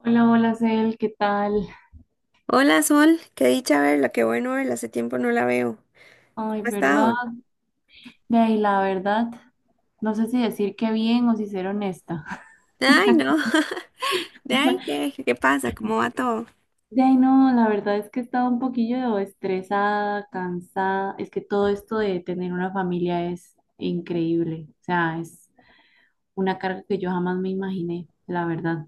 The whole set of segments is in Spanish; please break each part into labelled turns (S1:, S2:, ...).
S1: Hola, hola, Cel, ¿qué tal?
S2: Hola Sol, qué dicha verla, qué bueno verla, hace tiempo no la veo. ¿Cómo
S1: Ay,
S2: ha estado?
S1: ¿verdad? De ahí, la verdad, no sé si decir qué bien o si ser honesta.
S2: Ay, no. De ahí, ¿qué pasa? ¿Cómo va todo?
S1: De ahí, no, la verdad es que he estado un poquillo estresada, cansada. Es que todo esto de tener una familia es increíble. O sea, es una carga que yo jamás me imaginé, la verdad.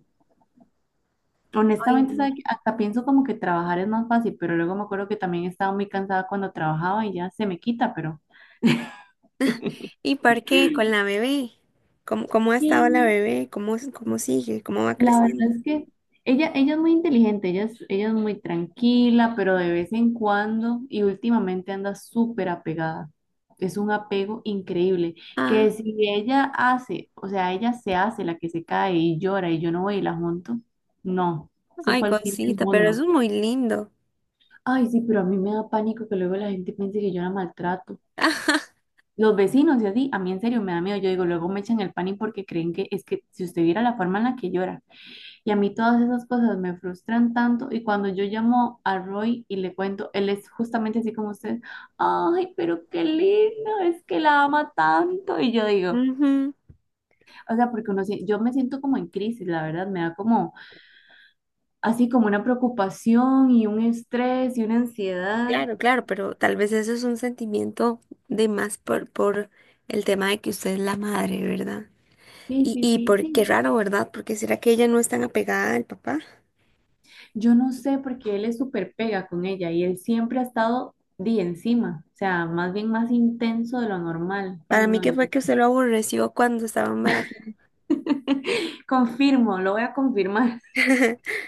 S2: Ay,
S1: Honestamente,
S2: no.
S1: ¿sabe qué? Hasta pienso como que trabajar es más fácil, pero luego me acuerdo que también estaba muy cansada cuando trabajaba y ya se me quita, pero...
S2: ¿Y por qué? Con la bebé. ¿Cómo ha estado la
S1: Sí,
S2: bebé? ¿Cómo sigue? ¿Cómo va
S1: la verdad
S2: creciendo?
S1: es que ella es muy inteligente, ella es muy tranquila, pero de vez en cuando y últimamente anda súper apegada. Es un apego increíble,
S2: Ah,
S1: que si ella hace, o sea, ella se hace la que se cae y llora y yo no voy y la junto, no, eso
S2: ay,
S1: fue el fin del
S2: cosita, pero eso
S1: mundo.
S2: es muy lindo.
S1: Ay, sí, pero a mí me da pánico que luego la gente piense que yo la maltrato. Los vecinos y así, a mí en serio me da miedo, yo digo, luego me echan el pánico porque creen que es que si usted viera la forma en la que llora. Y a mí todas esas cosas me frustran tanto. Y cuando yo llamo a Roy y le cuento, él es justamente así como usted, ay, pero qué lindo, es que la ama tanto. Y yo digo,
S2: Ujú.
S1: o sea, porque uno, yo me siento como en crisis, la verdad, me da como, así como una preocupación y un estrés y una ansiedad.
S2: Claro, claro, pero tal vez eso es un sentimiento de más por el tema de que usted es la madre, ¿verdad?
S1: Sí,
S2: Y,
S1: sí,
S2: y
S1: sí,
S2: por qué
S1: sí.
S2: raro, ¿verdad? Porque será que ella no es tan apegada al papá.
S1: Yo no sé porque él es súper pega con ella y él siempre ha estado de encima, o sea, más bien más intenso de lo normal.
S2: Para
S1: Ay,
S2: mí
S1: no,
S2: que
S1: Dios.
S2: fue que usted lo aborreció cuando estaba embarazada.
S1: Confirmo, lo voy a confirmar.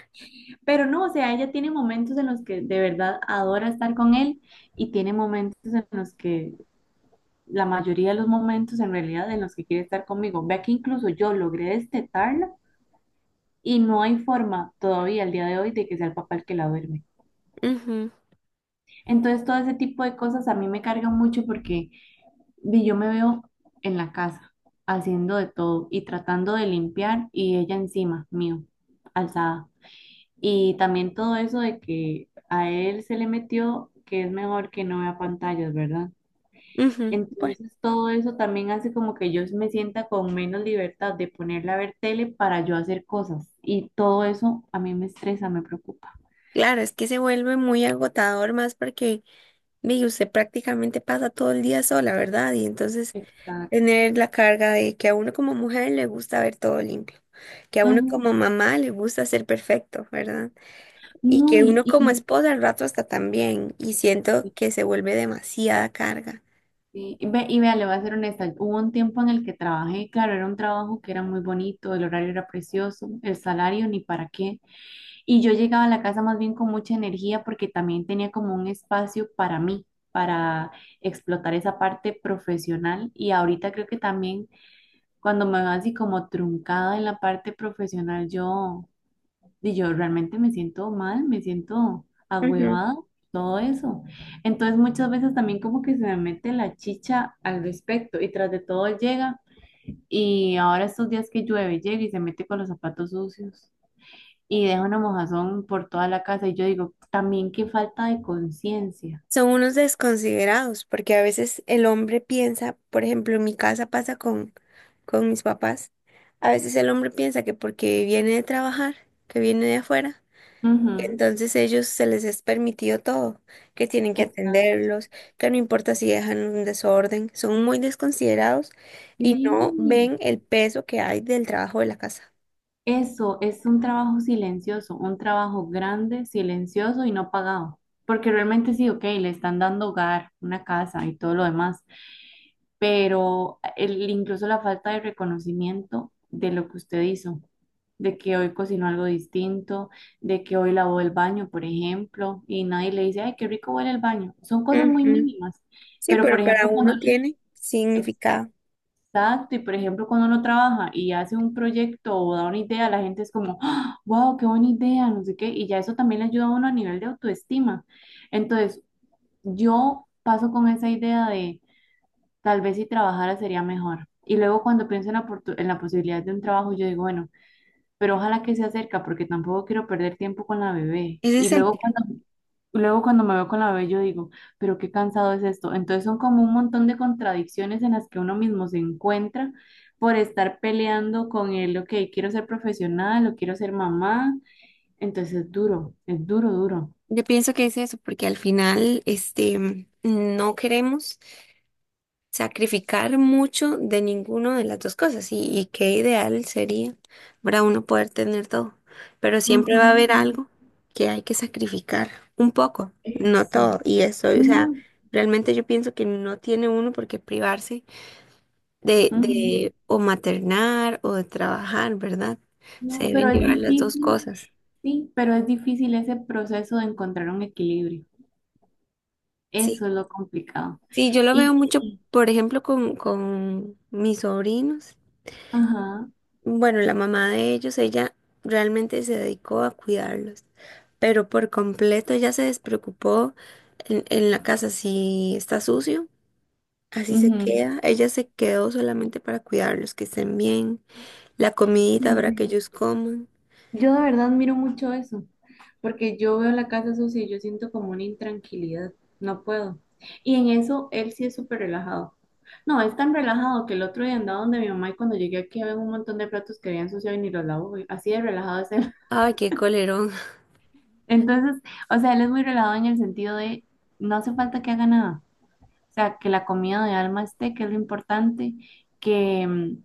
S1: Pero no, o sea, ella tiene momentos en los que de verdad adora estar con él y tiene momentos en los que, la mayoría de los momentos en realidad en los que quiere estar conmigo. Vea que incluso yo logré destetarla y no hay forma todavía al día de hoy de que sea el papá el que la duerme.
S2: Ujú,
S1: Entonces, todo ese tipo de cosas a mí me cargan mucho porque di, yo me veo en la casa haciendo de todo y tratando de limpiar y ella encima mío, alzada. Y también todo eso de que a él se le metió que es mejor que no vea pantallas, ¿verdad?
S2: ujú. Bueno,
S1: Entonces todo eso también hace como que yo me sienta con menos libertad de ponerle a ver tele para yo hacer cosas. Y todo eso a mí me estresa, me preocupa.
S2: claro, es que se vuelve muy agotador más porque mire, usted prácticamente pasa todo el día sola, ¿verdad? Y entonces
S1: Exacto.
S2: tener la carga de que a uno como mujer le gusta ver todo limpio, que a uno
S1: Ujú.
S2: como mamá le gusta ser perfecto, ¿verdad? Y
S1: No,
S2: que uno como
S1: y,
S2: esposa al rato hasta también, y siento
S1: sí,
S2: que se vuelve demasiada carga.
S1: sí. Y vea, le voy a ser honesta, hubo un tiempo en el que trabajé, claro, era un trabajo que era muy bonito, el horario era precioso, el salario ni para qué. Y yo llegaba a la casa más bien con mucha energía porque también tenía como un espacio para mí, para explotar esa parte profesional. Y ahorita creo que también cuando me veo así como truncada en la parte profesional, yo realmente me siento mal, me siento agüevada, todo eso. Entonces muchas veces también como que se me mete la chicha al respecto y tras de todo llega. Y ahora estos días que llueve, llega y se mete con los zapatos sucios y deja una mojazón por toda la casa. Y yo digo, también qué falta de conciencia.
S2: Son unos desconsiderados, porque a veces el hombre piensa, por ejemplo, en mi casa pasa con mis papás, a veces el hombre piensa que porque viene de trabajar, que viene de afuera, que
S1: Ujú.
S2: entonces ellos se les es permitido todo, que tienen que
S1: Exacto.
S2: atenderlos, que no importa si dejan un desorden, son muy desconsiderados y no
S1: Sí.
S2: ven el peso que hay del trabajo de la casa.
S1: Eso es un trabajo silencioso, un trabajo grande, silencioso y no pagado. Porque realmente sí, ok, le están dando hogar, una casa y todo lo demás, pero el, incluso la falta de reconocimiento de lo que usted hizo, de que hoy cocinó algo distinto, de que hoy lavó el baño, por ejemplo, y nadie le dice, ay, qué rico huele el baño. Son cosas muy
S2: Ujú.
S1: mínimas,
S2: Sí,
S1: pero por
S2: pero para
S1: ejemplo, cuando
S2: uno
S1: uno,
S2: tiene significado.
S1: exacto, y por ejemplo, cuando uno trabaja y hace un proyecto o da una idea, la gente es como, wow, qué buena idea, no sé qué, y ya eso también le ayuda a uno a nivel de autoestima. Entonces, yo paso con esa idea de tal vez si trabajara sería mejor. Y luego cuando pienso en la, en la posibilidad de un trabajo, yo digo, bueno, pero ojalá que se cerca porque tampoco quiero perder tiempo con la bebé.
S2: Ese es el...
S1: Luego cuando me veo con la bebé yo digo, pero qué cansado es esto. Entonces son como un montón de contradicciones en las que uno mismo se encuentra por estar peleando con el, ok, quiero ser profesional o quiero ser mamá. Entonces es duro, es duro.
S2: Yo pienso que es eso, porque al final, este, no queremos sacrificar mucho de ninguna de las dos cosas y qué ideal sería para uno poder tener todo, pero siempre va a haber
S1: Ujú.
S2: algo que hay que sacrificar un poco, no
S1: Eso.
S2: todo, y eso, o sea,
S1: No,
S2: realmente yo pienso que no tiene uno por qué privarse de,
S1: ujú,
S2: de o maternar o de trabajar, ¿verdad? Se
S1: no,
S2: deben
S1: pero es
S2: llevar las dos
S1: difícil,
S2: cosas.
S1: sí, pero es difícil ese proceso de encontrar un equilibrio.
S2: Sí.
S1: Eso es lo complicado.
S2: Sí, yo lo veo
S1: Y, y-
S2: mucho,
S1: y-
S2: por ejemplo, con mis sobrinos.
S1: ajá,
S2: Bueno, la mamá de ellos, ella realmente se dedicó a cuidarlos, pero por completo ya se despreocupó en la casa si está sucio. Así se
S1: ujú.
S2: queda. Ella se quedó solamente para cuidarlos, que estén bien, la
S1: Sí,
S2: comidita para que
S1: sí.
S2: ellos coman.
S1: Yo de verdad miro mucho eso, porque yo veo la casa sucia y yo siento como una intranquilidad, no puedo. Y en eso él sí es súper relajado. No, es tan relajado que el otro día andaba donde mi mamá y cuando llegué aquí había un montón de platos que habían ensuciado y ni los lavó, y así de relajado es él.
S2: Ay, qué colerón.
S1: Entonces, o sea, él es muy relajado en el sentido de no hace falta que haga nada. O sea, que la comida de alma esté, que es lo importante, que,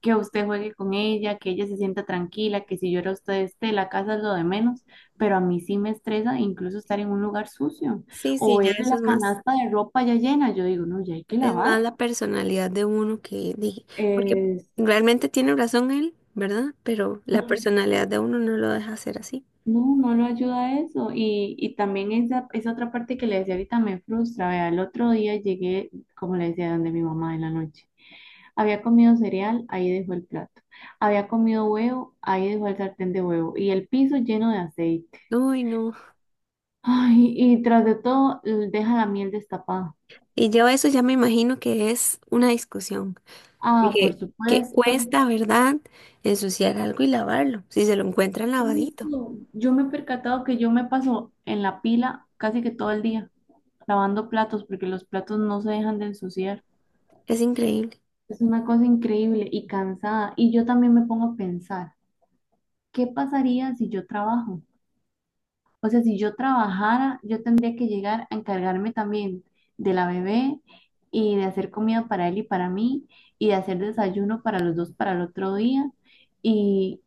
S1: que usted juegue con ella, que ella se sienta tranquila, que si llora usted esté, la casa es lo de menos, pero a mí sí me estresa incluso estar en un lugar sucio
S2: Sí,
S1: o
S2: sí, ya
S1: ver
S2: eso
S1: la
S2: es más.
S1: canasta de ropa ya llena, yo digo, no, ya hay que
S2: Es más
S1: lavar.
S2: la personalidad de uno que dije, porque
S1: Es-
S2: realmente tiene razón él, ¿verdad? Pero la personalidad de uno no lo deja hacer así.
S1: no, no lo ayuda a eso. Y también esa otra parte que le decía ahorita me frustra. Vea, el otro día llegué, como le decía, donde mi mamá en la noche. Había comido cereal, ahí dejó el plato. Había comido huevo, ahí dejó el sartén de huevo. Y el piso lleno de aceite.
S2: Uy, no.
S1: Ay, y tras de todo, deja la miel destapada.
S2: Y yo eso ya me imagino que es una discusión.
S1: Ah, por
S2: Dije, que
S1: supuesto.
S2: cuesta, ¿verdad? Ensuciar algo y lavarlo. Si se lo encuentran lavadito.
S1: Eso, yo me he percatado que yo me paso en la pila casi que todo el día lavando platos porque los platos no se dejan de ensuciar.
S2: Es increíble.
S1: Es una cosa increíble y cansada. Y yo también me pongo a pensar, ¿qué pasaría si yo trabajo? O sea, si yo trabajara, yo tendría que llegar a encargarme también de la bebé y de hacer comida para él y para mí y de hacer desayuno para los dos para el otro día. Y,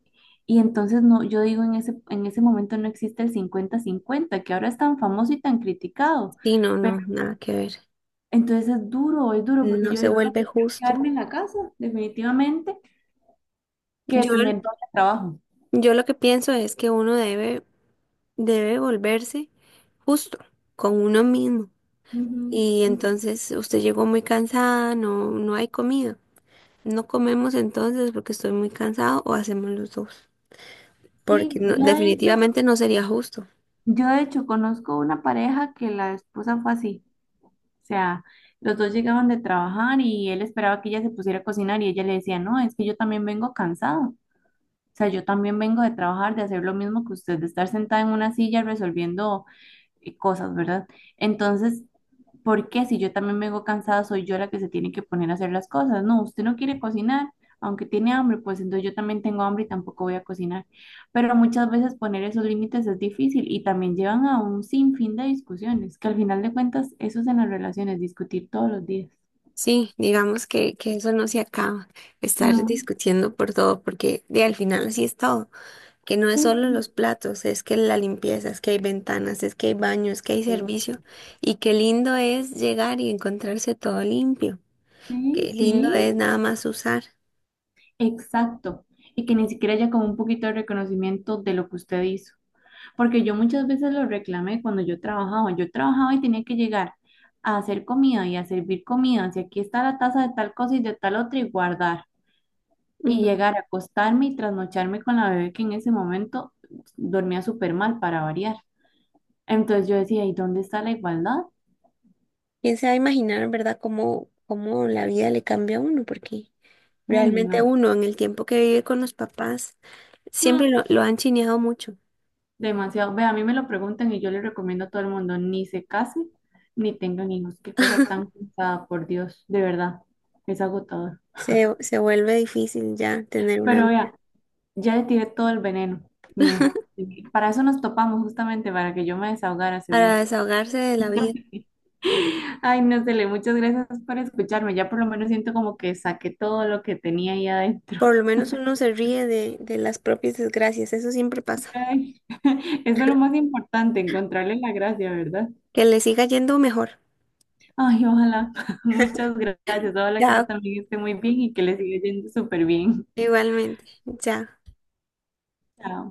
S1: y entonces no, yo digo, en ese momento no existe el cincuenta-cincuenta que ahora es tan famoso y tan criticado.
S2: Sí, no,
S1: Pero
S2: no, nada que ver.
S1: entonces es duro, porque
S2: No
S1: yo
S2: se
S1: digo, no,
S2: vuelve
S1: prefiero
S2: justo.
S1: quedarme en la casa, definitivamente, que
S2: Yo,
S1: tener todo el trabajo.
S2: yo lo que pienso es que uno debe, debe volverse justo con uno mismo.
S1: Ujú,
S2: Y
S1: ujú.
S2: entonces usted llegó muy cansada, no, no hay comida. No comemos entonces porque estoy muy cansado o hacemos los dos.
S1: Sí,
S2: Porque no-
S1: yo de hecho,
S2: definitivamente no sería justo.
S1: Yo de hecho conozco una pareja que la esposa fue así, o sea, los dos llegaban de trabajar y él esperaba que ella se pusiera a cocinar y ella le decía, no, es que yo también vengo cansado, o sea, yo también vengo de trabajar, de hacer lo mismo que usted, de estar sentada en una silla resolviendo cosas, ¿verdad? Entonces, ¿por qué si yo también vengo cansada, soy yo la que se tiene que poner a hacer las cosas? No, usted no quiere cocinar, aunque tiene hambre, pues entonces yo también tengo hambre y tampoco voy a cocinar. Pero muchas veces poner esos límites es difícil y también llevan a un sinfín de discusiones, que al final de cuentas eso es en las relaciones, discutir todos los días.
S2: Sí, digamos que eso no se acaba, estar
S1: No,
S2: discutiendo por todo, porque de al final así es todo, que no es
S1: sí,
S2: solo
S1: sí,
S2: los platos, es que la limpieza, es que hay ventanas, es que hay baños, es que hay
S1: es-
S2: servicio, y qué lindo es llegar y encontrarse todo limpio,
S1: sí,
S2: qué lindo
S1: sí,
S2: es nada más usar.
S1: exacto. Y que ni siquiera haya como un poquito de reconocimiento de lo que usted hizo. Porque yo muchas veces lo reclamé cuando yo trabajaba. Yo trabajaba y tenía que llegar a hacer comida y a servir comida. Si aquí está la taza de tal cosa y de tal otra y guardar. Y llegar a acostarme y trasnocharme con la bebé que en ese momento dormía súper mal para variar. Entonces yo decía, ¿y dónde está la igualdad?
S2: ¿Quién se va a imaginar, verdad, cómo la vida le cambia a uno? Porque
S1: Uy,
S2: realmente
S1: no.
S2: uno en el tiempo que vive con los papás
S1: Mm,
S2: siempre lo han chineado mucho.
S1: demasiado. Ve, a mí me lo preguntan y yo le recomiendo a todo el mundo, ni se case, ni tengan hijos. Qué cosa tan cansada, por Dios. De verdad, es agotador.
S2: Se vuelve difícil ya tener una
S1: Pero
S2: vida.
S1: vea. Ya le tiré todo el veneno mío. Para eso nos topamos justamente, para que yo me desahogara, seguro.
S2: Para desahogarse de la vida.
S1: Ay, no sé, Le, muchas gracias por escucharme. Ya por lo menos siento como que saqué todo lo que tenía ahí adentro.
S2: Por lo menos uno se ríe de las propias desgracias, eso siempre pasa.
S1: Ay, eso es lo más importante, encontrarle la gracia, ¿verdad?
S2: Que le siga yendo mejor.
S1: Ay, ojalá. Muchas gracias. Ojalá que usted
S2: Ya,
S1: también esté muy bien y que le siga yendo súper bien.
S2: igualmente. Ya.
S1: Chao.